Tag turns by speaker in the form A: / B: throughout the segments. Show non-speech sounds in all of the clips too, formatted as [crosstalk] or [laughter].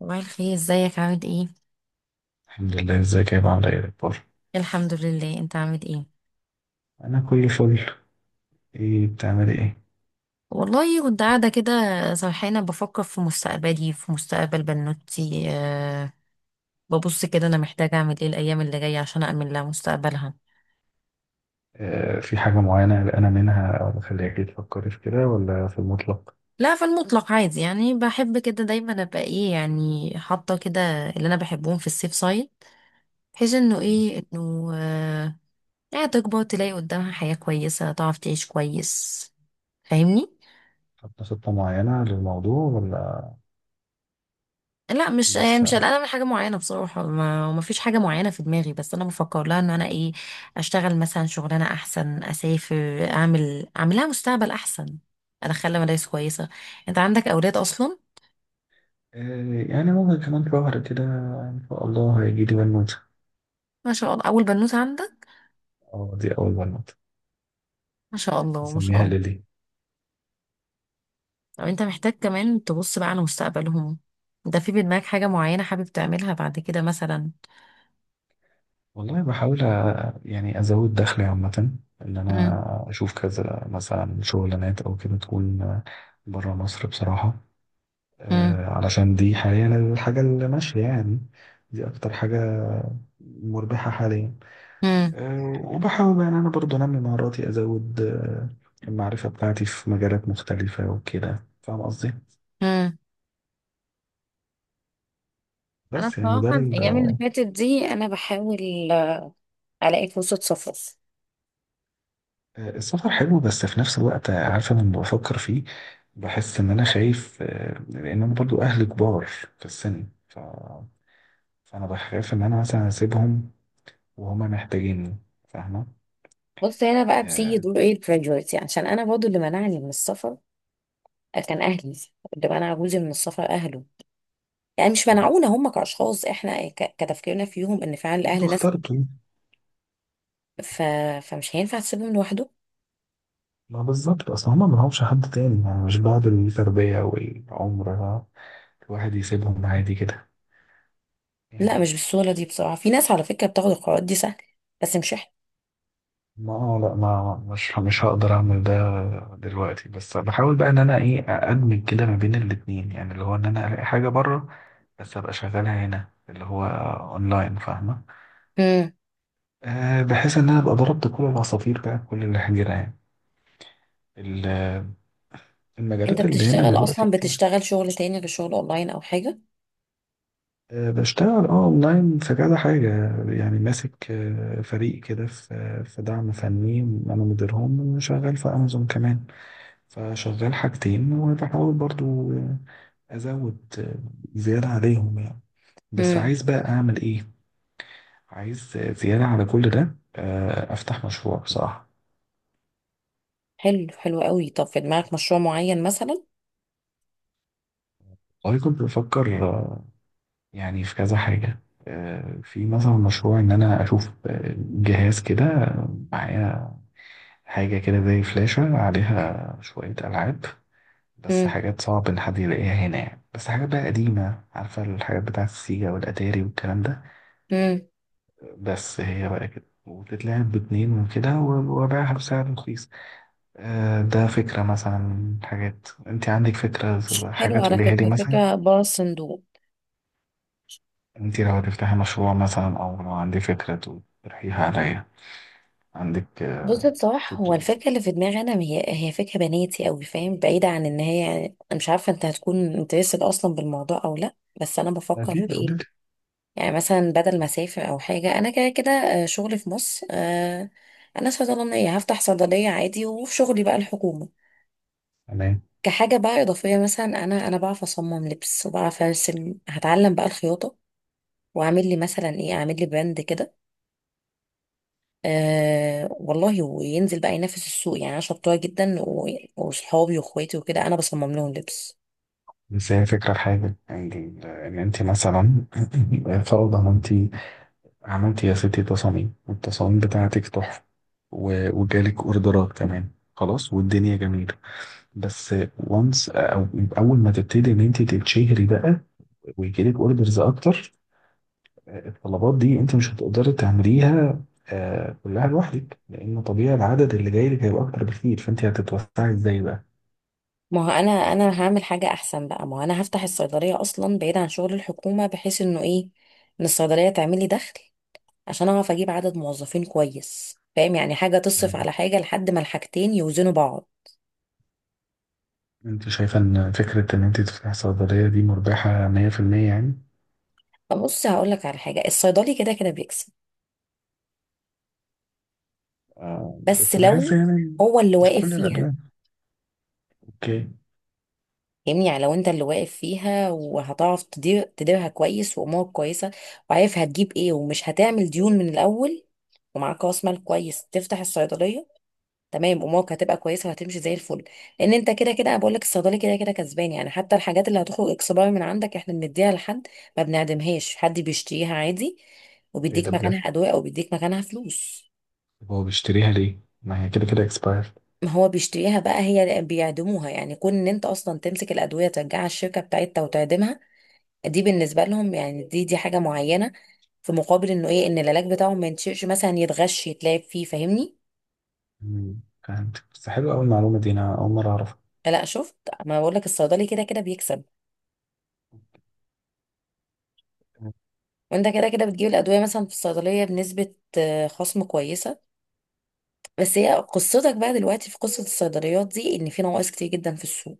A: صباح الخير، ازيك؟ عامل ايه؟
B: الحمد لله، ازيك يا عامل ايه الاخبار؟
A: الحمد لله، انت عامل ايه؟
B: انا كل فل. ايه بتعملي ايه؟
A: والله كنت قاعده كده سرحانه بفكر في مستقبلي، في مستقبل بنوتي. ببص كده انا محتاجه اعمل ايه الايام اللي جايه عشان اامن لها مستقبلها.
B: آه، في حاجه معينه قلقانه منها او مخليكي تفكري في كده ولا في المطلق؟
A: لا، في المطلق عادي، يعني بحب كده دايما ابقى ايه يعني حاطه كده اللي انا بحبهم في السيف سايد، بحيث انه
B: يعني
A: ايه انه أه يعني تكبر تلاقي قدامها حياه كويسه، تعرف تعيش كويس. فاهمني؟
B: حاطه خطه معينه للموضوع ولا
A: لا، مش يعني مش
B: لسه؟
A: قلقانه من حاجه معينه بصراحه، ما فيش حاجه معينه في دماغي، بس انا بفكر لها ان انا ايه، اشتغل مثلا شغلانه احسن، اسافر، اعمل لها مستقبل احسن، ادخل لها مدارس كويسه. انت عندك اولاد اصلا؟
B: آه، يعني ممكن كمان شهر كده ان شاء الله هيجي لي بنوته.
A: ما شاء الله، اول بنوته عندك.
B: اه، دي اول بنوته.
A: ما شاء الله، ما شاء
B: هسميها
A: الله.
B: ليلي.
A: طب انت محتاج كمان تبص بقى على مستقبلهم، ده في بدماغك حاجه معينه حابب تعملها بعد كده مثلا؟
B: والله بحاول يعني ازود دخلي عامه. ان
A: مم.
B: انا اشوف كذا مثلا شغلانات او كده تكون بره مصر بصراحه.
A: مم.
B: علشان دي حاليا الحاجة اللي ماشية يعني. دي أكتر حاجة مربحة حاليا.
A: مم.
B: وبحاول يعني أنا برضو أنمي مهاراتي، أزود المعرفة بتاعتي في مجالات مختلفة وكده، فاهم قصدي؟
A: مم. انا
B: بس يعني ده
A: بصراحه
B: ال-
A: الايام اللي
B: آه،
A: فاتت دي انا بحاول الاقي فرصه سفر.
B: السفر حلو، بس في نفس الوقت عارفة لما بفكر فيه بحس إن أنا خايف، لأن أنا برضو أهلي كبار في السن فأنا بخاف إن أنا مثلا أسيبهم وهما محتاجيني، فاهمة؟
A: بص، هنا بقى بسيجي
B: آه،
A: يقولوا ايه الجراديويتي، عشان انا برضو اللي منعني من السفر كان اهلي، اللي منع جوزي من السفر اهله. يعني مش منعونا هم كاشخاص، احنا كتفكيرنا فيهم ان فعلا
B: انتوا
A: الاهل ناس كده.
B: اخترتوا.
A: ف... فمش هينفع تسيبهم لوحده.
B: ما بالظبط، اصل هما ما لهمش حد تاني. يعني مش بعد التربية والعمر الواحد يسيبهم عادي كده
A: لا،
B: يعني.
A: مش بالسهوله دي بصراحه، في ناس على فكره بتاخد القرارات دي سهل، بس مش احنا.
B: ما مش هقدر اعمل ده دلوقتي. بس بحاول بقى ان انا ايه، ادمج كده ما بين الاتنين، يعني اللي هو ان انا الاقي حاجة بره بس ابقى شغالها هنا، اللي هو اونلاين، فاهمة؟
A: امم
B: أه، بحيث ان انا ابقى ضربت كل العصافير بقى كل الحجرة يعني. ال-
A: انت
B: المجالات اللي هنا
A: بتشتغل
B: دلوقتي
A: اصلا،
B: كتير.
A: بتشتغل شغل تاني غير شغل اونلاين او حاجه؟
B: بشتغل اه اونلاين في كذا حاجة يعني. ماسك فريق كده في دعم فني، انا مديرهم، وشغال في امازون كمان. فشغال حاجتين، وبحاول برضو ازود زيادة عليهم يعني. بس
A: امم
B: عايز بقى اعمل ايه؟ عايز زيادة على كل ده افتح مشروع بصراحة.
A: حلو، حلو قوي. طب في دماغك مشروع معين مثلا؟
B: والله كنت بفكر يعني في كذا حاجة. في مثلا مشروع ان انا اشوف جهاز كده معايا، حاجة كده زي فلاشة عليها شوية ألعاب، بس
A: امم
B: حاجات صعب إن حد يلاقيها هنا يعني، بس حاجات بقى قديمة، عارفة الحاجات بتاعة السيجا والأتاري والكلام ده.
A: امم
B: بس هي بقى كده وتتلعب باتنين وكده وباعها بسعر رخيص. ده فكرة مثلا. حاجات انت عندك فكرة،
A: حلو،
B: حاجات
A: على
B: قوليها لي
A: فكره
B: مثلا.
A: فكره بره الصندوق.
B: انت لو هتفتحي مشروع مثلا، او لو عندي فكرة تقترحيها عليا، عندك
A: بص، بصراحة هو
B: فكرة؟
A: الفكرة اللي في دماغي أنا هي فكرة بناتي أوي، فاهم؟ بعيدة عن إن هي يعني أنا مش عارفة أنت هتكون انترستد أصلا بالموضوع أو لأ، بس أنا بفكر في
B: أكيد قولي
A: إيه،
B: لي.
A: يعني مثلا بدل ما أسافر أو حاجة، أنا كده كده شغلي في مصر، أنا صيدلانية، هفتح صيدلية عادي، وفي شغلي بقى الحكومة.
B: تمام.
A: كحاجة بقى إضافية مثلا، أنا بعرف أصمم لبس، وبعرف أرسم، هتعلم بقى الخياطة وأعمل لي مثلا إيه، أعمل لي براند كده. آه والله، وينزل بقى ينافس السوق. يعني انا شطوره جدا وصحابي واخواتي وكده انا بصمم لهم لبس.
B: بس هي فكرة في حاجة، إن إن أنت مثلا [clears throat] [laughs] فرضا إن أنت عملتي يا ستي تصاميم، والتصاميم بتاعتك تحفة، وجالك أوردرات كمان، خلاص والدنيا جميلة. بس وانس، أو أول ما تبتدي إن أنت تتشهري بقى، ويجيلك أوردرز أكتر، الطلبات دي أنت مش هتقدري تعمليها كلها لوحدك، لأن طبيعي العدد اللي جاي لك هيبقى أكتر بكتير، فأنت هتتوسعي إزاي بقى؟
A: ما هو انا هعمل حاجه احسن بقى، ما هو انا هفتح الصيدليه اصلا بعيد عن شغل الحكومه، بحيث انه ايه، ان الصيدليه تعمل لي دخل عشان اعرف اجيب عدد موظفين كويس. فاهم؟ يعني حاجه تصرف على حاجه لحد ما الحاجتين يوزنوا بعض.
B: انت شايفة ان فكرة ان انت تفتحي صيدلية دي مربحة 100% يعني؟
A: فبص هقول لك على حاجه، الصيدلي كده كده بيكسب،
B: آه،
A: بس
B: بس بحس
A: لو
B: يعني
A: هو اللي
B: مش
A: واقف
B: كل
A: فيها.
B: الأدوية. اوكي.
A: فاهمني؟ يعني لو انت اللي واقف فيها، وهتعرف تديرها كويس، وامورك كويسه، وعارف هتجيب ايه، ومش هتعمل ديون من الاول، ومعاك راس مال كويس تفتح الصيدليه، تمام، امورك هتبقى كويسه، وهتمشي زي الفل. لان انت كده كده، انا بقول لك الصيدلي كده كده كسبان. يعني حتى الحاجات اللي هتخرج اكسبايري من عندك، احنا بنديها لحد، ما بنعدمهاش، حد بيشتريها عادي
B: ايه
A: وبيديك
B: ده بجد؟
A: مكانها ادويه او بيديك مكانها فلوس.
B: طب هو بيشتريها ليه؟ ما هي كده كده اكسبايرد.
A: ما هو بيشتريها بقى هي بيعدموها، يعني كون ان انت اصلا تمسك الادويه ترجعها الشركه بتاعتها وتعدمها دي بالنسبه لهم يعني، دي حاجه معينه، في مقابل انه ايه، ان العلاج بتاعهم ما ينشئش مثلا، يتغش يتلعب فيه. فاهمني؟
B: فهمت. بس حلو قوي المعلومة دي، انا اول مرة اعرفها.
A: لا شفت، ما بقول لك الصيدلي كده كده بيكسب. وانت كده كده بتجيب الادويه مثلا في الصيدليه بنسبه خصم كويسه. بس هي قصتك بقى دلوقتي في قصه الصيدليات دي، ان في نواقص كتير جدا في السوق.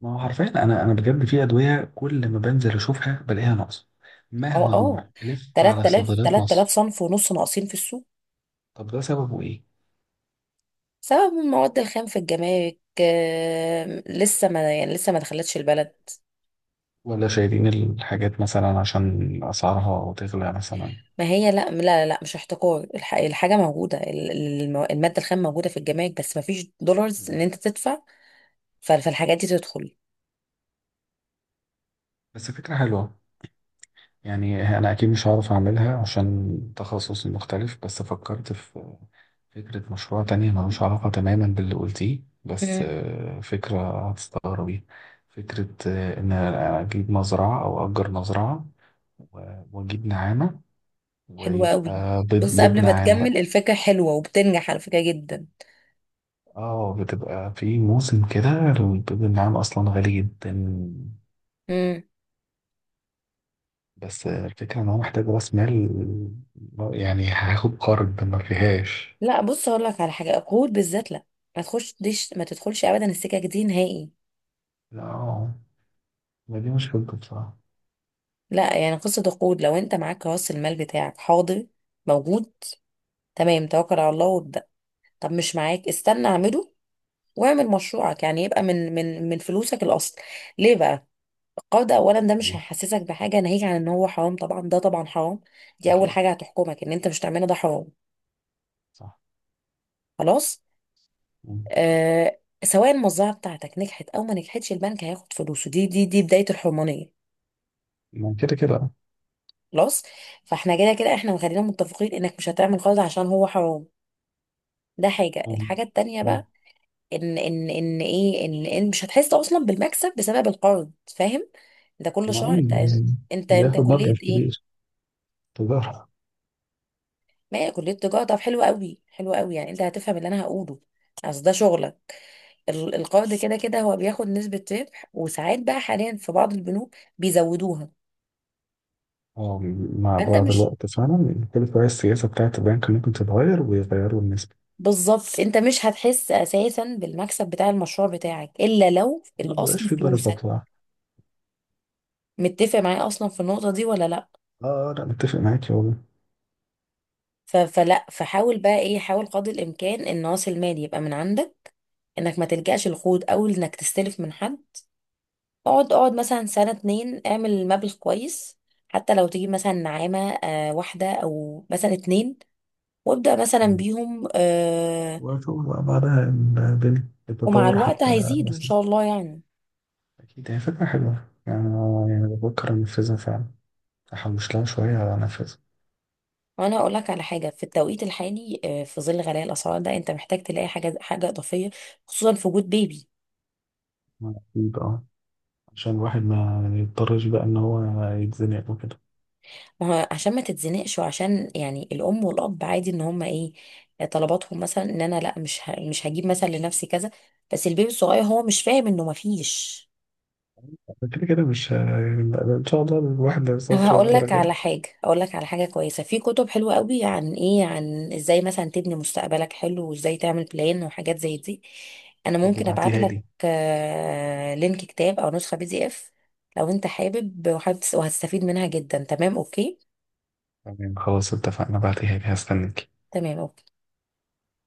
B: ما هو حرفيا انا بجد في ادوية كل ما بنزل اشوفها بلاقيها ناقصة،
A: اه،
B: مهما
A: اه،
B: اروح الف على
A: 3000
B: صيدليات
A: 3000
B: مصر.
A: صنف ونص ناقصين في السوق،
B: طب ده سببه ايه؟
A: بسبب المواد الخام في الجمارك، لسه ما يعني لسه ما دخلتش البلد.
B: ولا شايلين الحاجات مثلا عشان اسعارها تغلى مثلا؟
A: ما هي لا، مش احتكار، الحاجة موجودة، المادة الخام موجودة في الجمارك، بس ما فيش دولارز
B: مم.
A: ان انت تدفع، فالحاجات دي تدخل.
B: بس فكرة حلوة. يعني أنا أكيد مش هعرف أعملها عشان تخصصي مختلف، بس فكرت في فكرة مشروع تانية ملوش علاقة تماما باللي قلتيه، بس
A: امم
B: فكرة هتستغربي. فكرة إن أنا أجيب مزرعة أو أجر مزرعة وأجيب نعامة،
A: حلوة قوي.
B: ويبقى بيض،
A: بص،
B: بيض
A: قبل ما
B: نعام بقى.
A: تكمل الفكرة حلوة وبتنجح على فكرة جدا.
B: اه، بتبقى في موسم كده البيض النعام أصلا غالي جدا.
A: امم
B: بس الفكرة إن هو محتاج رأس مال، يعني هاخد قرض ما فيهاش.
A: لا بص، اقول لك على حاجة، القروض بالذات لا، ما تخش ديش، ما تدخلش ابدا السكك دي نهائي.
B: لا، ما دي مشكلته بصراحة.
A: لا يعني قصة القروض، لو انت معاك راس المال بتاعك حاضر موجود، تمام، توكل على الله وابدأ. طب مش معاك، استنى اعمله، واعمل مشروعك يعني يبقى من فلوسك الاصل. ليه بقى القرض؟ اولا ده مش
B: ايه.
A: هيحسسك بحاجه، ناهيك عن ان هو حرام طبعا، ده طبعا حرام. دي اول
B: أكيد.
A: حاجه هتحكمك ان انت مش تعمله، ده حرام.
B: صح.
A: خلاص.
B: مم.
A: آه سواء المزرعه بتاعتك نجحت او ما نجحتش، البنك هياخد فلوسه، دي دي بدايه الحرمانيه.
B: ما كده كده أه.
A: خلاص. فاحنا كده كده احنا خلينا متفقين انك مش هتعمل قرض عشان هو حرام، ده حاجه.
B: مم.
A: الحاجه التانيه
B: مم.
A: بقى، ان ان ان ايه ان ان مش هتحس اصلا بالمكسب بسبب القرض. فاهم؟ انت كل
B: ما هو
A: شهر انت،
B: اللي
A: انت
B: بياخد مبلغ
A: كلية ايه؟
B: كبير. تجارة.
A: ما هي كلية تجارة، طب حلو قوي، حلو قوي، يعني انت هتفهم اللي انا هقوله، اصل ده شغلك. القرض كده كده هو بياخد نسبة ربح، وساعات بقى حاليا في بعض البنوك بيزودوها.
B: أه، مع
A: فانت
B: بعض
A: مش
B: الوقت فعلا كل شوية السياسة بتاعة البنك ممكن تتغير ويغيروا النسبة.
A: بالظبط، انت مش هتحس اساسا بالمكسب بتاع المشروع بتاعك الا لو
B: ما بيبقاش
A: الاصل
B: في بركة
A: فلوسك.
B: بصراحة.
A: متفق معايا اصلا في النقطة دي ولا لا؟
B: أه، لا متفق معاك يا والله.
A: ف- فلا فحاول بقى ايه، حاول قدر الامكان ان راس المال يبقى من عندك، انك ما تلجأش القروض او انك تستلف من حد. اقعد مثلا سنة اتنين، اعمل مبلغ كويس، حتى لو تجيب مثلا نعامة، واحدة او مثلا اتنين، وابدأ مثلا
B: مم.
A: بيهم،
B: وأشوف بقى بعدها البنك،
A: ومع
B: التطور
A: الوقت
B: حتى
A: هيزيدوا ان
B: مثلا.
A: شاء الله يعني.
B: أكيد هي فكرة حلوة، يعني أنا يعني بفكر أنفذها فعلا، أحوش لها شوية وأنفذها.
A: وانا اقول لك على حاجه، في التوقيت الحالي في ظل غلاء الاسعار ده، انت محتاج تلاقي حاجه، حاجه اضافيه، خصوصا في وجود بيبي.
B: أكيد أه، عشان الواحد ما يضطرش بقى ان هو يتزنق وكده.
A: ما هو عشان ما تتزنقش، وعشان يعني الام والاب عادي ان هما ايه، طلباتهم مثلا ان انا لا، مش هجيب مثلا لنفسي كذا، بس البيبي الصغير هو مش فاهم انه مفيش.
B: كده كده مش ه- ان شاء الله الواحد ما
A: طب [laughs]
B: يوصلش
A: هقول لك
B: للدرجة دي.
A: على حاجه، اقول لك على حاجه كويسه، في كتب حلوه قوي عن ايه، عن ازاي مثلا تبني مستقبلك حلو، وازاي تعمل بلان وحاجات زي دي. انا
B: طب
A: ممكن ابعت
B: ابعتيها
A: لك
B: لي.
A: لينك كتاب او نسخه PDF، لو انت حابب. وحابب وهتستفيد منها جدا، تمام، اوكي؟
B: تمام، خلاص اتفقنا، ابعتيها لي، هستنك.
A: تمام، اوكي.